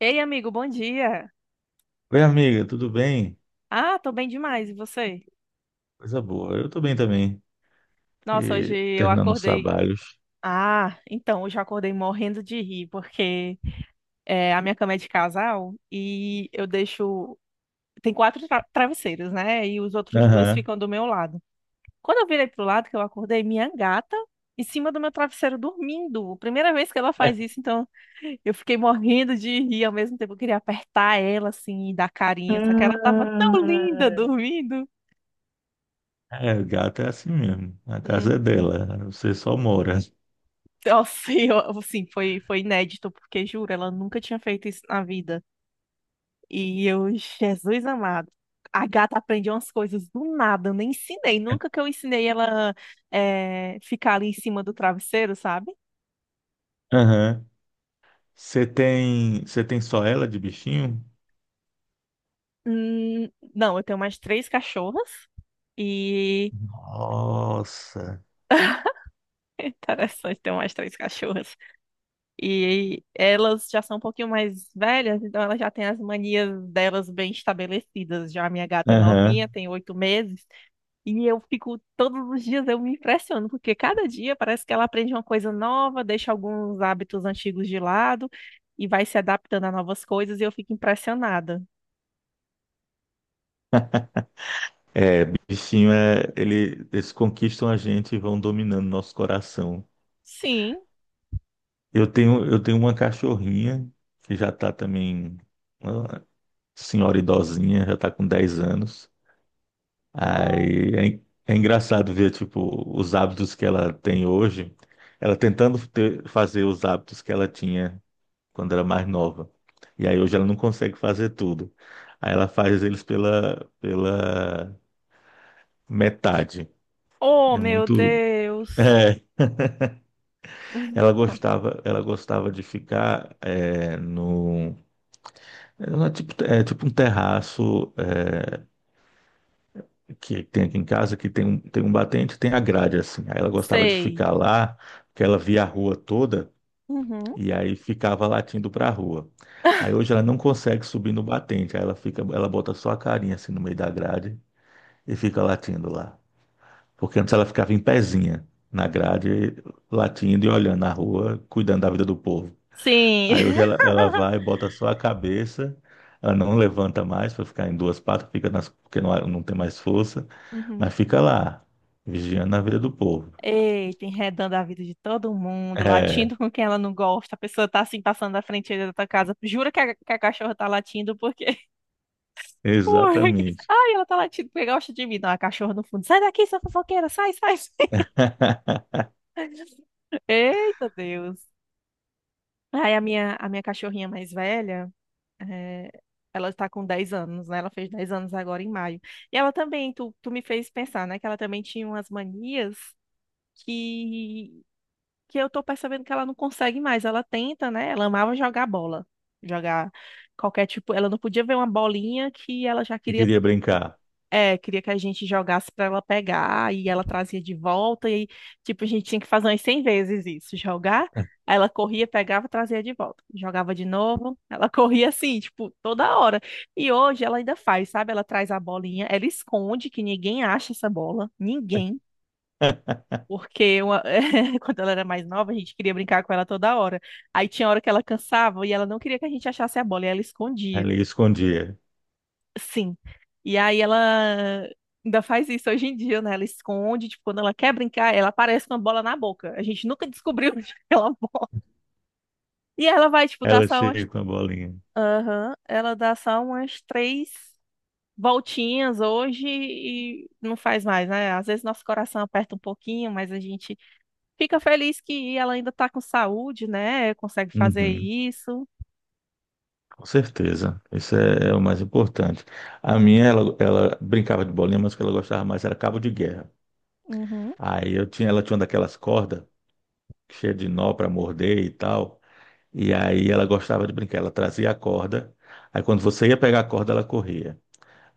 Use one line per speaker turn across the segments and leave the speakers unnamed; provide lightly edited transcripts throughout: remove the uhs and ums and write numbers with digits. Ei, amigo, bom dia.
Oi, amiga, tudo bem?
Ah, tô bem demais. E você?
Coisa boa. Eu tô bem também.
Nossa, hoje
Que...
eu
terminando uns
acordei.
trabalhos.
Ah, então, hoje eu acordei morrendo de rir, porque a minha cama é de casal e eu deixo. Tem quatro travesseiros, né? E os outros dois
Aham.
ficam do meu lado. Quando eu virei pro lado que eu acordei, minha gata em cima do meu travesseiro dormindo. Primeira vez que ela
Ah,
faz isso, então eu fiquei morrendo de rir. Ao mesmo tempo, eu queria apertar ela, assim, e dar carinho, só que ela tava tão linda dormindo.
é, o gato é assim mesmo. A casa é
Uhum.
dela. Você só mora.
Nossa, e eu, assim, foi inédito, porque juro, ela nunca tinha feito isso na vida. E eu, Jesus amado, a gata aprende umas coisas do nada, eu nem ensinei, nunca que eu ensinei ela ficar ali em cima do travesseiro, sabe?
Aham. Você tem só ela de bichinho?
Não, eu tenho mais três cachorras e.
Nossa.
Interessante, tenho mais três cachorras. E elas já são um pouquinho mais velhas, então elas já têm as manias delas bem estabelecidas. Já a minha gata é
Aham.
novinha, tem 8 meses. E eu fico, todos os dias eu me impressiono, porque cada dia parece que ela aprende uma coisa nova, deixa alguns hábitos antigos de lado e vai se adaptando a novas coisas e eu fico impressionada.
É, bichinho é... Eles conquistam a gente e vão dominando nosso coração.
Sim.
Eu tenho uma cachorrinha que já tá também... senhora idosinha, já tá com 10 anos.
Oh,
Aí é, é engraçado ver, tipo, os hábitos que ela tem hoje, ela tentando fazer os hábitos que ela tinha quando era mais nova. E aí hoje ela não consegue fazer tudo. Aí ela faz eles pela metade.
oh,
É
meu
muito.
Deus.
É, ela
Uhum.
gostava, ela gostava de ficar é, no. Era tipo, é tipo um terraço que tem aqui em casa, que tem um batente, tem a grade assim. Aí ela gostava de
Sei.
ficar lá, porque ela via a rua toda
Uhum.
e aí ficava latindo para a rua. Aí hoje ela não consegue subir no batente, aí ela bota só a carinha assim no meio da grade e fica latindo lá. Porque antes ela ficava em pezinha na grade, latindo e olhando a rua, cuidando da vida do povo.
Sim.
Aí hoje ela vai, bota só a cabeça, ela não levanta mais para ficar em duas patas, fica nas, porque não tem mais força.
Uhum.
Mas fica lá, vigiando a vida do povo.
Eita, enredando a vida de todo mundo,
É,
latindo com quem ela não gosta. A pessoa tá assim passando na frente da tua casa. Jura que a cachorra tá latindo porque. Porra, que-
exatamente.
Ai, ela tá latindo, pegar o de mim, não, a cachorra no fundo. Sai daqui, sua fofoqueira, sai, sai. Eita, Deus. Aí a minha cachorrinha mais velha, eh, ela está com 10 anos, né? Ela fez 10 anos agora em maio. E ela também, tu me fez pensar, né? Que ela também tinha umas manias que, que eu tô percebendo que ela não consegue mais. Ela tenta, né? Ela amava jogar bola. Jogar qualquer tipo. Ela não podia ver uma bolinha que ela já
Que
queria
queria brincar.
É, queria que a gente jogasse para ela pegar e ela trazia de volta e tipo a gente tinha que fazer umas 100 vezes isso, jogar, aí ela corria, pegava, trazia de volta, jogava de novo, ela corria assim, tipo, toda hora. E hoje ela ainda faz, sabe? Ela traz a bolinha, ela esconde que ninguém acha essa bola, ninguém. Porque quando ela era mais nova, a gente queria brincar com ela toda hora. Aí tinha hora que ela cansava e ela não queria que a gente achasse a bola, e ela escondia.
Ela escondia.
Sim. E aí ela ainda faz isso hoje em dia, né? Ela esconde, tipo, quando ela quer brincar, ela aparece com a bola na boca. A gente nunca descobriu onde ela bola. E ela vai, tipo, dar
Ela
só umas.
chega com a bolinha.
Aham. Ela dá só umas três voltinhas hoje e não faz mais, né? Às vezes nosso coração aperta um pouquinho, mas a gente fica feliz que ela ainda tá com saúde, né? Consegue fazer
Uhum,
isso.
com certeza. Isso é o mais importante. A minha, ela brincava de bolinha, mas o que ela gostava mais era cabo de guerra.
Uhum.
Ela tinha uma daquelas cordas cheias de nó para morder e tal. E aí ela gostava de brincar. Ela trazia a corda. Aí quando você ia pegar a corda, ela corria.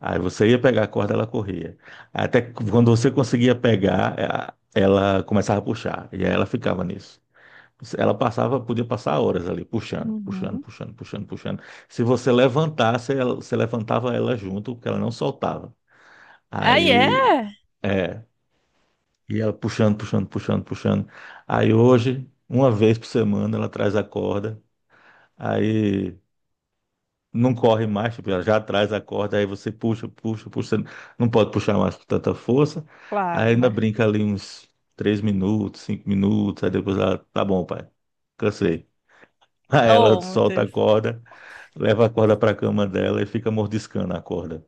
Aí você ia pegar a corda, ela corria. Até que quando você conseguia pegar, ela começava a puxar. E aí ela ficava nisso. Ela passava, podia passar horas ali, puxando, puxando,
Uhum.
puxando, puxando, puxando. Se você levantasse, você levantava ela junto, porque ela não soltava.
Aí é,
Aí, é, ia puxando, puxando, puxando, puxando. Aí hoje, uma vez por semana, ela traz a corda. Aí não corre mais, tipo, ela já atrás a corda, aí você puxa, puxa, puxa, não pode puxar mais com tanta força. Aí
claro,
ainda
mas.
brinca ali uns 3 minutos, 5 minutos, aí depois ela, tá bom, pai, cansei. Aí ela
Oh, meu
solta a
Deus.
corda, leva a corda pra cama dela e fica mordiscando a corda.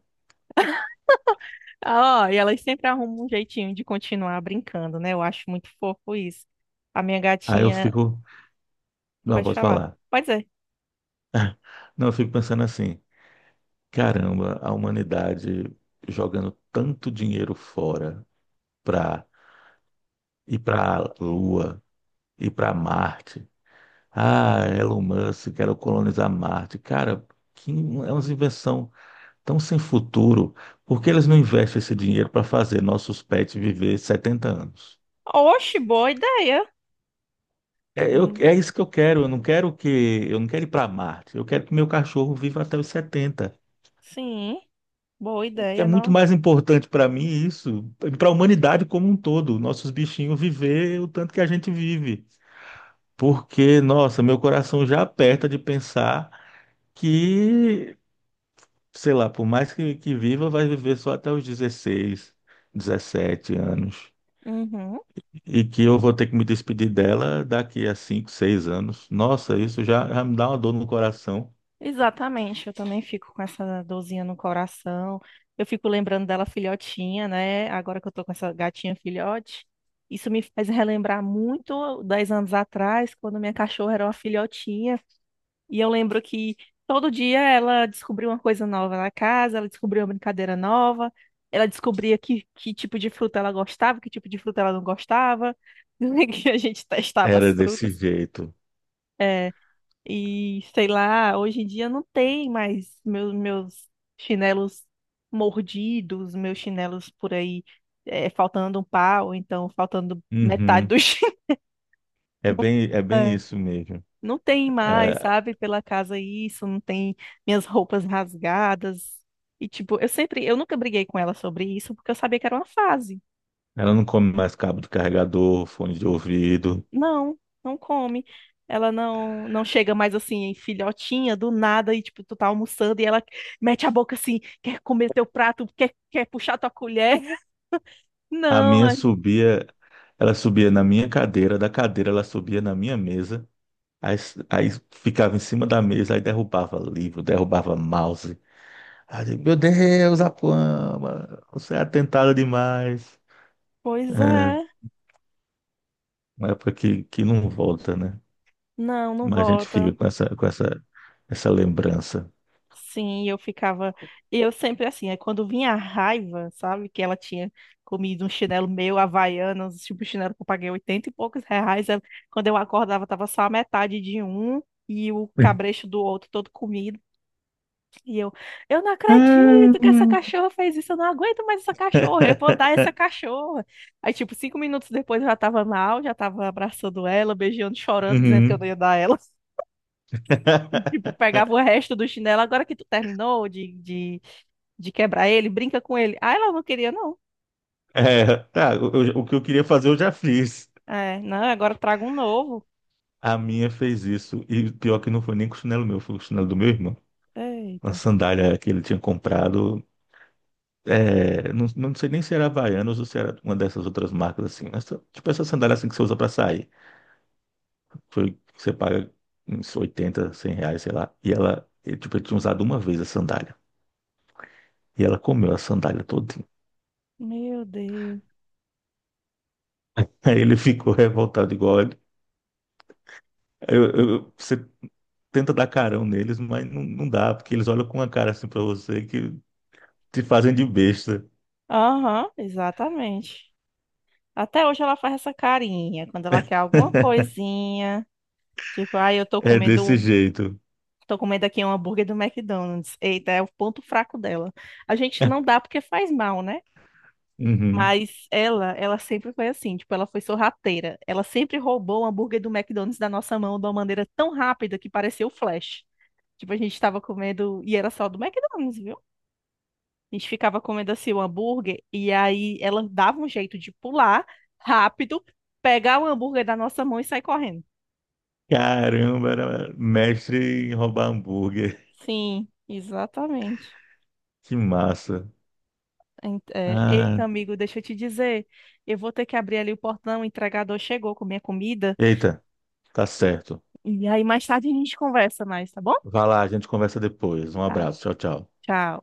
Ah, e elas sempre arrumam um jeitinho de continuar brincando, né? Eu acho muito fofo isso. A minha
Aí eu
gatinha
fico, não,
pode
posso
falar.
falar.
Pode dizer.
Não, eu fico pensando assim, caramba, a humanidade jogando tanto dinheiro fora pra ir pra Lua, ir pra Marte. Ah, Elon Musk, quero colonizar Marte. Cara, que é uma invenção tão sem futuro. Por que eles não investem esse dinheiro para fazer nossos pets viver 70 anos?
Oxe, boa ideia.
É,
Hum,
é isso que eu quero. Eu não quero ir para Marte. Eu quero que meu cachorro viva até os 70.
sim, boa
É
ideia,
muito
não.
mais importante para mim isso, para a humanidade como um todo, nossos bichinhos viver o tanto que a gente vive. Porque, nossa, meu coração já aperta de pensar que sei lá, por mais que viva, vai viver só até os 16, 17 anos.
Uhum,
E que eu vou ter que me despedir dela daqui a 5, 6 anos. Nossa, isso já me dá uma dor no coração.
exatamente. Eu também fico com essa dorzinha no coração. Eu fico lembrando dela filhotinha, né? Agora que eu tô com essa gatinha filhote. Isso me faz relembrar muito 10 anos atrás, quando minha cachorra era uma filhotinha. E eu lembro que todo dia ela descobria uma coisa nova na casa, ela descobria uma brincadeira nova, ela descobria que tipo de fruta ela gostava, que tipo de fruta ela não gostava, que a gente testava
Era
as
desse
frutas.
jeito.
É, e sei lá, hoje em dia não tem mais meus chinelos mordidos, meus chinelos por aí faltando um pau, então faltando metade
Uhum.
do
É bem
chinelo.
isso mesmo.
Não tem mais,
É,
sabe, pela casa isso, não tem minhas roupas rasgadas. E tipo, eu sempre, eu nunca briguei com ela sobre isso, porque eu sabia que era uma fase.
ela não come mais cabo de carregador, fone de ouvido.
Não, não come. Ela não chega mais assim, em filhotinha, do nada, e tipo, tu tá almoçando e ela mete a boca assim, quer comer teu prato, quer, puxar tua colher.
A
Não,
minha subia, ela subia na minha cadeira, da cadeira ela subia na minha mesa, aí, aí ficava em cima da mesa, aí derrubava livro, derrubava mouse. Aí eu digo, meu Deus, Apuama, você é atentado demais.
pois
É
é.
uma época que não volta, né?
Não, não
Mas a gente fica
volta.
com essa lembrança.
Sim, eu ficava. Eu sempre assim, é quando vinha a raiva, sabe? Que ela tinha comido um chinelo meu, Havaianas, tipo chinelo que eu paguei 80 e poucos reais. Quando eu acordava, tava só a metade de um e o cabresto do outro todo comido. E eu não acredito que essa
Uhum.
cachorra fez isso, eu não aguento mais essa cachorra, eu vou dar essa cachorra. Aí, tipo, 5 minutos depois eu já tava mal, já tava abraçando ela, beijando, chorando, dizendo que eu não
Uhum.
ia dar ela. E, tipo, pegava o resto do chinelo. Agora que tu terminou de quebrar ele, brinca com ele. Ah, ela não queria, não.
É, tá, o que eu queria fazer eu já fiz.
É, não, agora traga um novo.
A minha fez isso. E pior que não foi nem com o chinelo meu, foi com o chinelo do meu irmão. Uma
Eita,
sandália que ele tinha comprado. Não, não sei nem se era Havaianas ou se era uma dessas outras marcas assim. Mas, tipo essa sandália assim que você usa pra sair. Foi, você paga uns 80, 100 reais, sei lá. E ele, tipo, ele tinha usado uma vez a sandália. E ela comeu a sandália todinha.
meu Deus.
Aí ele ficou revoltado igual ele. Você tenta dar carão neles, mas não dá, porque eles olham com uma cara assim pra você que te fazem de besta.
Aham, exatamente. Até hoje ela faz essa carinha quando ela quer alguma coisinha. Tipo, ah, eu tô
É desse
comendo,
jeito.
tô comendo aqui um hambúrguer do McDonald's. Eita, é o ponto fraco dela. A gente não dá porque faz mal, né?
Uhum.
Mas ela sempre foi assim, tipo, ela foi sorrateira. Ela sempre roubou o hambúrguer do McDonald's da nossa mão de uma maneira tão rápida que parecia o Flash. Tipo, a gente tava comendo, e era só do McDonald's, viu? A gente ficava comendo assim o hambúrguer, e aí ela dava um jeito de pular rápido, pegar o hambúrguer da nossa mão e sair correndo.
Caramba, era mestre em roubar hambúrguer.
Sim, exatamente.
Que massa.
Ent- é,
Ah,
eita, amigo, deixa eu te dizer, eu vou ter que abrir ali o portão, o entregador chegou com minha comida,
eita, tá certo.
e aí mais tarde a gente conversa mais, tá bom?
Vai lá, a gente conversa depois. Um
Tá,
abraço, tchau, tchau.
tchau.